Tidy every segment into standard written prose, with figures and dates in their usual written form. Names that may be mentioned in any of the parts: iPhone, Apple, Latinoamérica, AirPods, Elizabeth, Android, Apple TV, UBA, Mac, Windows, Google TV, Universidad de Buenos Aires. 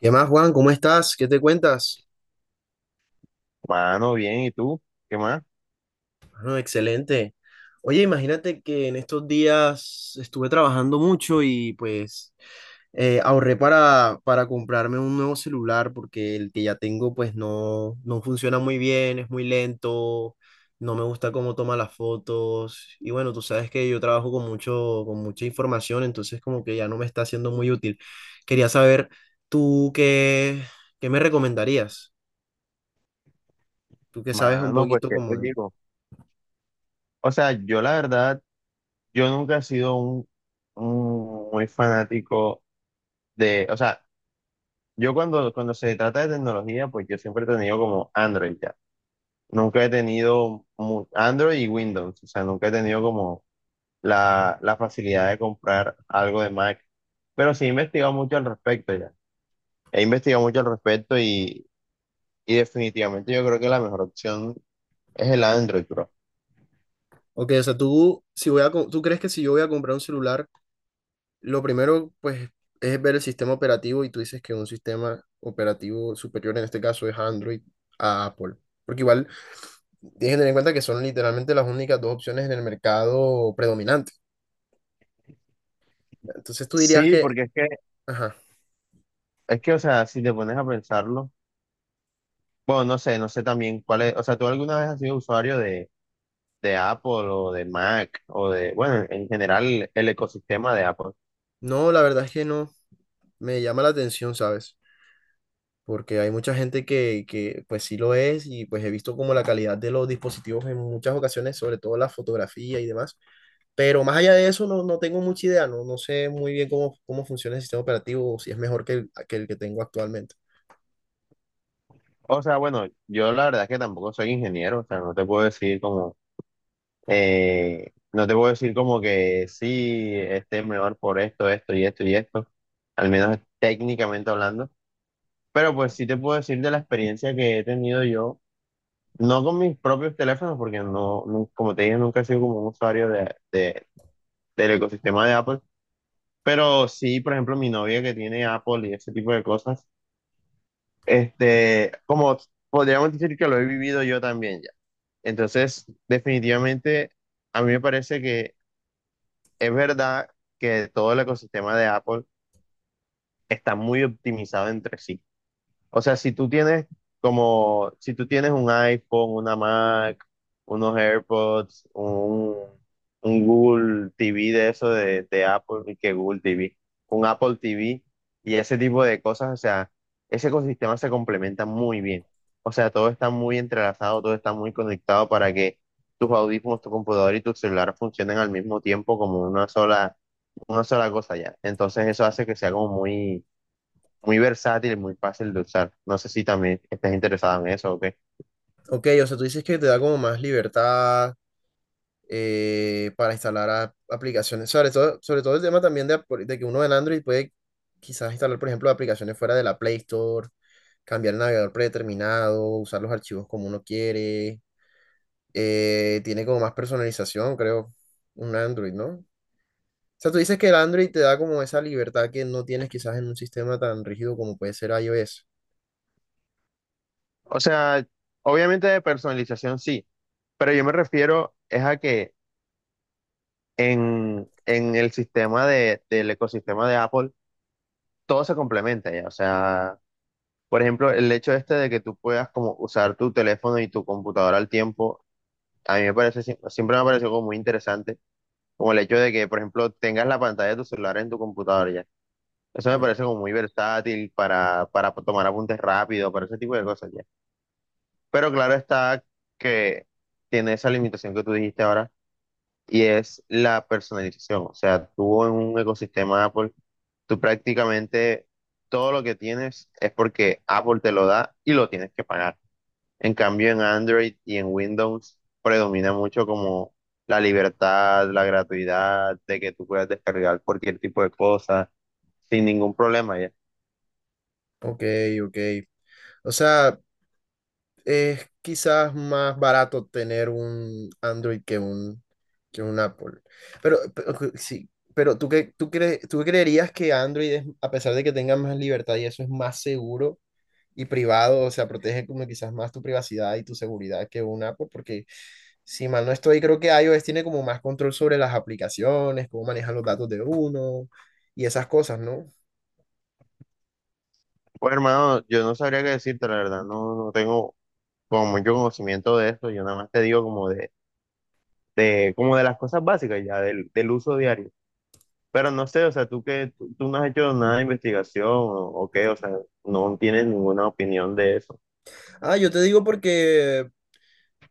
¿Qué más, Juan? ¿Cómo estás? ¿Qué te cuentas? Mano, bien, ¿y tú? ¿Qué más? Bueno, excelente. Oye, imagínate que en estos días estuve trabajando mucho y pues ahorré para comprarme un nuevo celular porque el que ya tengo pues no, no funciona muy bien, es muy lento, no me gusta cómo toma las fotos y bueno, tú sabes que yo trabajo con mucha información, entonces como que ya no me está siendo muy útil. Quería saber, ¿tú qué, ¿qué me recomendarías? Tú que sabes un Mano, pues, poquito ¿qué como te de… digo? O sea, yo la verdad, yo nunca he sido un muy fanático de, o sea, yo cuando se trata de tecnología, pues yo siempre he tenido como Android ya. Nunca he tenido mu- Android y Windows, o sea, nunca he tenido como la facilidad de comprar algo de Mac, pero sí he investigado mucho al respecto ya. He investigado mucho al respecto y definitivamente yo creo que la mejor opción es el Android, bro. Ok, o sea, tú crees que si yo voy a comprar un celular, lo primero, pues, es ver el sistema operativo y tú dices que un sistema operativo superior en este caso es Android a Apple. Porque igual tienes que tener en cuenta que son literalmente las únicas dos opciones en el mercado predominante. Entonces tú dirías Sí, que, porque es que ajá, es que, o sea, si te pones a pensarlo, bueno, no sé también cuál es, o sea, ¿tú alguna vez has sido de Apple o de Mac o de, bueno, en general el ecosistema de Apple? no, la verdad es que no, me llama la atención, ¿sabes? Porque hay mucha gente que pues sí lo es y pues he visto como la calidad de los dispositivos en muchas ocasiones, sobre todo la fotografía y demás. Pero más allá de eso, no, no tengo mucha idea, no, no sé muy bien cómo, cómo funciona el sistema operativo o si es mejor que el que tengo actualmente. O sea, bueno, yo la verdad es que tampoco soy ingeniero, o sea, no te puedo decir como, no te puedo decir como que sí, este es mejor por esto, esto y esto, al menos técnicamente hablando, pero pues sí te puedo decir de la experiencia que he tenido yo. No con mis propios teléfonos, porque no, nu- como te dije, nunca he sido como un de del ecosistema de Apple. Pero sí, por ejemplo, mi novia que tiene Apple y ese tipo de cosas, este, como podríamos decir que lo he vivido yo también ya. Entonces, definitivamente, a mí me parece que es verdad que todo el ecosistema de Apple está muy optimizado entre sí. O sea, si tú tienes como, si tú tienes un iPhone, una Mac, unos AirPods, un Google TV de eso de Apple, y que Google TV, un Apple TV y ese tipo de cosas, o sea, ese ecosistema se complementa muy bien. O sea, todo está muy entrelazado, todo está muy conectado para que tus audífonos, tu computador y tu celular funcionen al mismo tiempo como una sola cosa ya. Entonces eso hace que sea como muy versátil y muy fácil de usar. No sé si también estás interesada en eso o qué. Ok, o sea, tú dices que te da como más libertad, para instalar aplicaciones, sobre todo el tema también de que uno en Android puede quizás instalar, por ejemplo, aplicaciones fuera de la Play Store, cambiar el navegador predeterminado, usar los archivos como uno quiere, tiene como más personalización, creo, un Android, ¿no? O sea, tú dices que el Android te da como esa libertad que no tienes quizás en un sistema tan rígido como puede ser iOS. O sea, obviamente de personalización sí, pero yo me refiero es a que en el sistema de, del ecosistema de Apple todo se complementa ya. O sea, por ejemplo, el hecho este de que tú puedas como usar tu teléfono y tu computadora al tiempo, a mí me parece, sie- siempre me ha parecido como muy interesante, como el hecho de que, por ejemplo, tengas la pantalla de tu celular en tu computadora ya. Eso me Mm, parece como muy versátil para tomar apuntes rápido, para ese tipo de cosas ya. Pero claro está que tiene esa limitación que tú dijiste ahora y es la personalización. O sea, tú en un ecosistema Apple, tú prácticamente todo lo que tienes es porque Apple te lo da y lo tienes que pagar. En cambio, en Android y en Windows predomina mucho como la libertad, la gratuidad, de que tú puedas descargar cualquier tipo de cosa sin ningún problema ya. ok, ok. O sea, es quizás más barato tener un Android que un Apple. Pero sí, pero ¿ tú creerías que Android es, a pesar de que tenga más libertad y eso, ¿es más seguro y privado? O sea, protege como quizás más tu privacidad y tu seguridad que una Apple, porque si mal no estoy, creo que iOS tiene como más control sobre las aplicaciones, cómo manejan los datos de uno y esas cosas, ¿no? Pues hermano, yo no sabría qué decirte, la verdad, no tengo como mucho conocimiento de eso, yo nada más te digo como de, como de las cosas básicas ya, del, del uso diario. Pero no sé, o sea, tú no has hecho nada de investigación o qué, o sea, no tienes ninguna opinión de eso. Ah,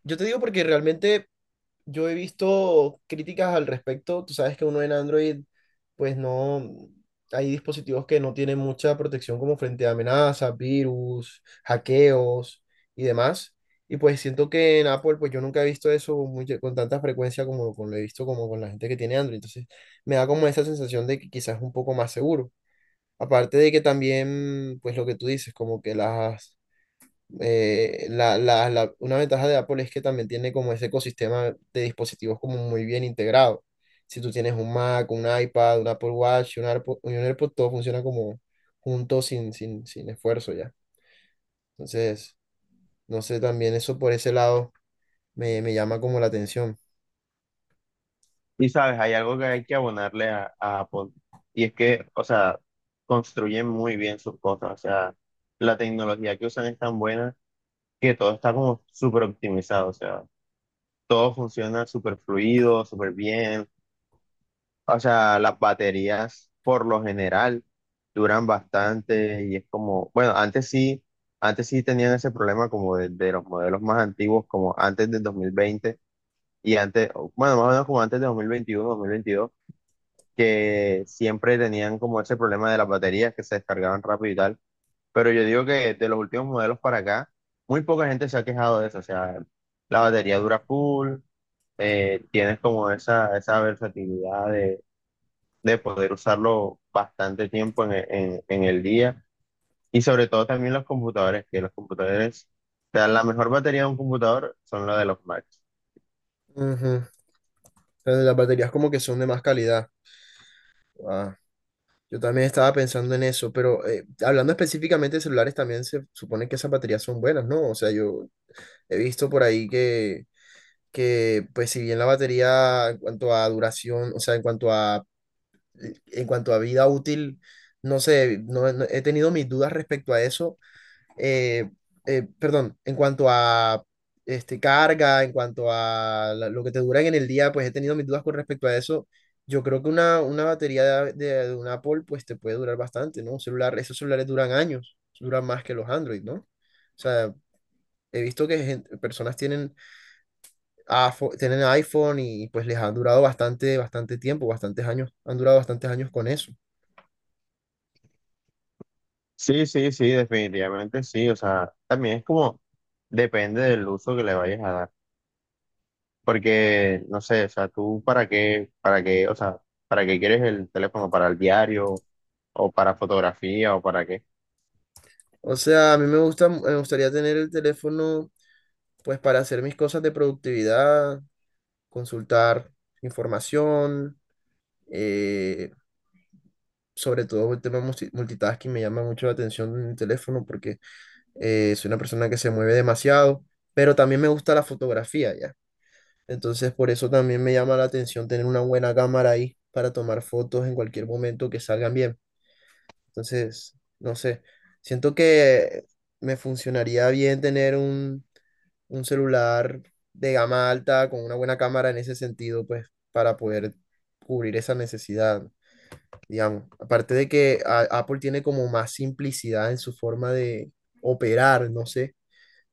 yo te digo porque realmente yo he visto críticas al respecto. Tú sabes que uno en Android, pues no, hay dispositivos que no tienen mucha protección como frente a amenazas, virus, hackeos y demás. Y pues siento que en Apple, pues yo nunca he visto eso con tanta frecuencia como lo he visto como con la gente que tiene Android. Entonces me da como esa sensación de que quizás es un poco más seguro. Aparte de que también, pues lo que tú dices, como que las la, la- la- una ventaja de Apple es que también tiene como ese ecosistema de dispositivos como muy bien integrado. Si tú tienes un Mac, un iPad, un Apple Watch, un AirPod, todo funciona como junto sin esfuerzo ya. Entonces, no sé, también eso por ese lado me llama como la atención. Y sabes, hay algo que hay que abonarle a Apple, y es que, o sea, construyen muy bien sus cosas, o sea, la tecnología que usan es tan buena que todo está como súper optimizado, o sea todo funciona súper fluido, súper bien. O sea, las baterías por lo general duran bastante y es como, bueno, antes sí tenían ese problema como de los modelos más antiguos, como antes del 2020 y antes, o, bueno, más o menos como antes de 2021 2022 que siempre tenían como ese problema de las baterías que se descargaban rápido y tal. Pero yo digo que de los últimos modelos para acá, muy poca gente se ha quejado de eso. O sea, la batería dura full, tienes como esa versatilidad de poder usarlo bastante tiempo en, e- en- en el día y sobre todo también los computadores, que los computadores, o sea, la mejor batería de un computador son los de los Macs. Ujú. Pero las baterías como que son de más calidad. Ah, yo también estaba pensando en eso, pero hablando específicamente de celulares, también se supone que esas baterías son buenas, ¿no? O sea, yo he visto por ahí que pues si bien la batería en cuanto a duración, o sea, en cuanto a vida útil, no sé, he tenido mis dudas respecto a eso, eh, perdón, en cuanto a este, carga, en cuanto a lo que te duran en el día, pues he tenido mis dudas con respecto a eso. Yo creo que una batería de un Apple pues te puede durar bastante, ¿no? Un celular, esos celulares duran años, duran más que los Android, ¿no? O sea, he visto que personas tienen tienen iPhone y pues les han durado bastante, bastante tiempo, bastantes años, han durado bastantes años con eso. Sí, sí, sí, definitivamente sí, o sea, también es como depende del uso que le vayas a dar, porque no sé, o sea, para qué, o sea, para qué quieres el teléfono, para el diario o para fotografía o para qué. O sea, a mí me gustaría tener el teléfono pues para hacer mis cosas de productividad, consultar información, eh, sobre todo el tema multitasking me llama mucho la atención en el teléfono porque soy una persona que se mueve demasiado, pero también me gusta la fotografía ya. Entonces, por eso también me llama la atención tener una buena cámara ahí para tomar fotos en cualquier momento que salgan bien. Entonces, no sé, siento que me funcionaría bien tener un celular de gama alta con una buena cámara en ese sentido, pues para poder cubrir esa necesidad, digamos. Aparte de que Apple tiene como más simplicidad en su forma de operar, no sé.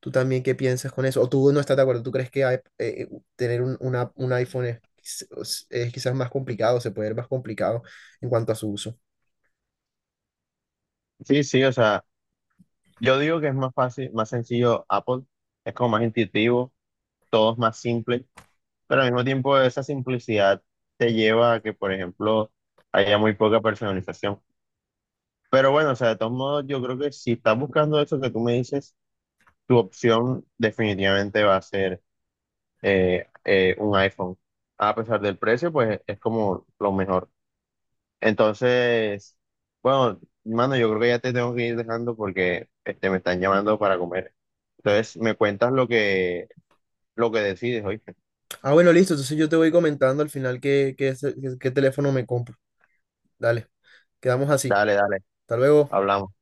¿Tú también qué piensas con eso? ¿O tú no estás de acuerdo? ¿Tú crees que tener un iPhone es, es quizás más complicado, se puede ver más complicado en cuanto a su uso? Sí, sí, o sea, yo digo que es más fácil, más sencillo Apple, es como más intuitivo, todo es más simple. Pero al mismo tiempo esa simplicidad te lleva a que, por ejemplo, haya muy poca personalización. Pero bueno, o sea, de todos modos, yo creo que si estás buscando eso que tú me dices, tu opción definitivamente va a ser un iPhone. A pesar del precio, pues es como lo mejor. Entonces, bueno, mano, yo creo que ya te tengo que ir dejando porque este, me están llamando para comer. Entonces, me cuentas lo que decides, oye. Ah, bueno, listo. Entonces yo te voy comentando al final qué teléfono me compro. Dale, quedamos así. Dale, dale, Hasta luego. hablamos.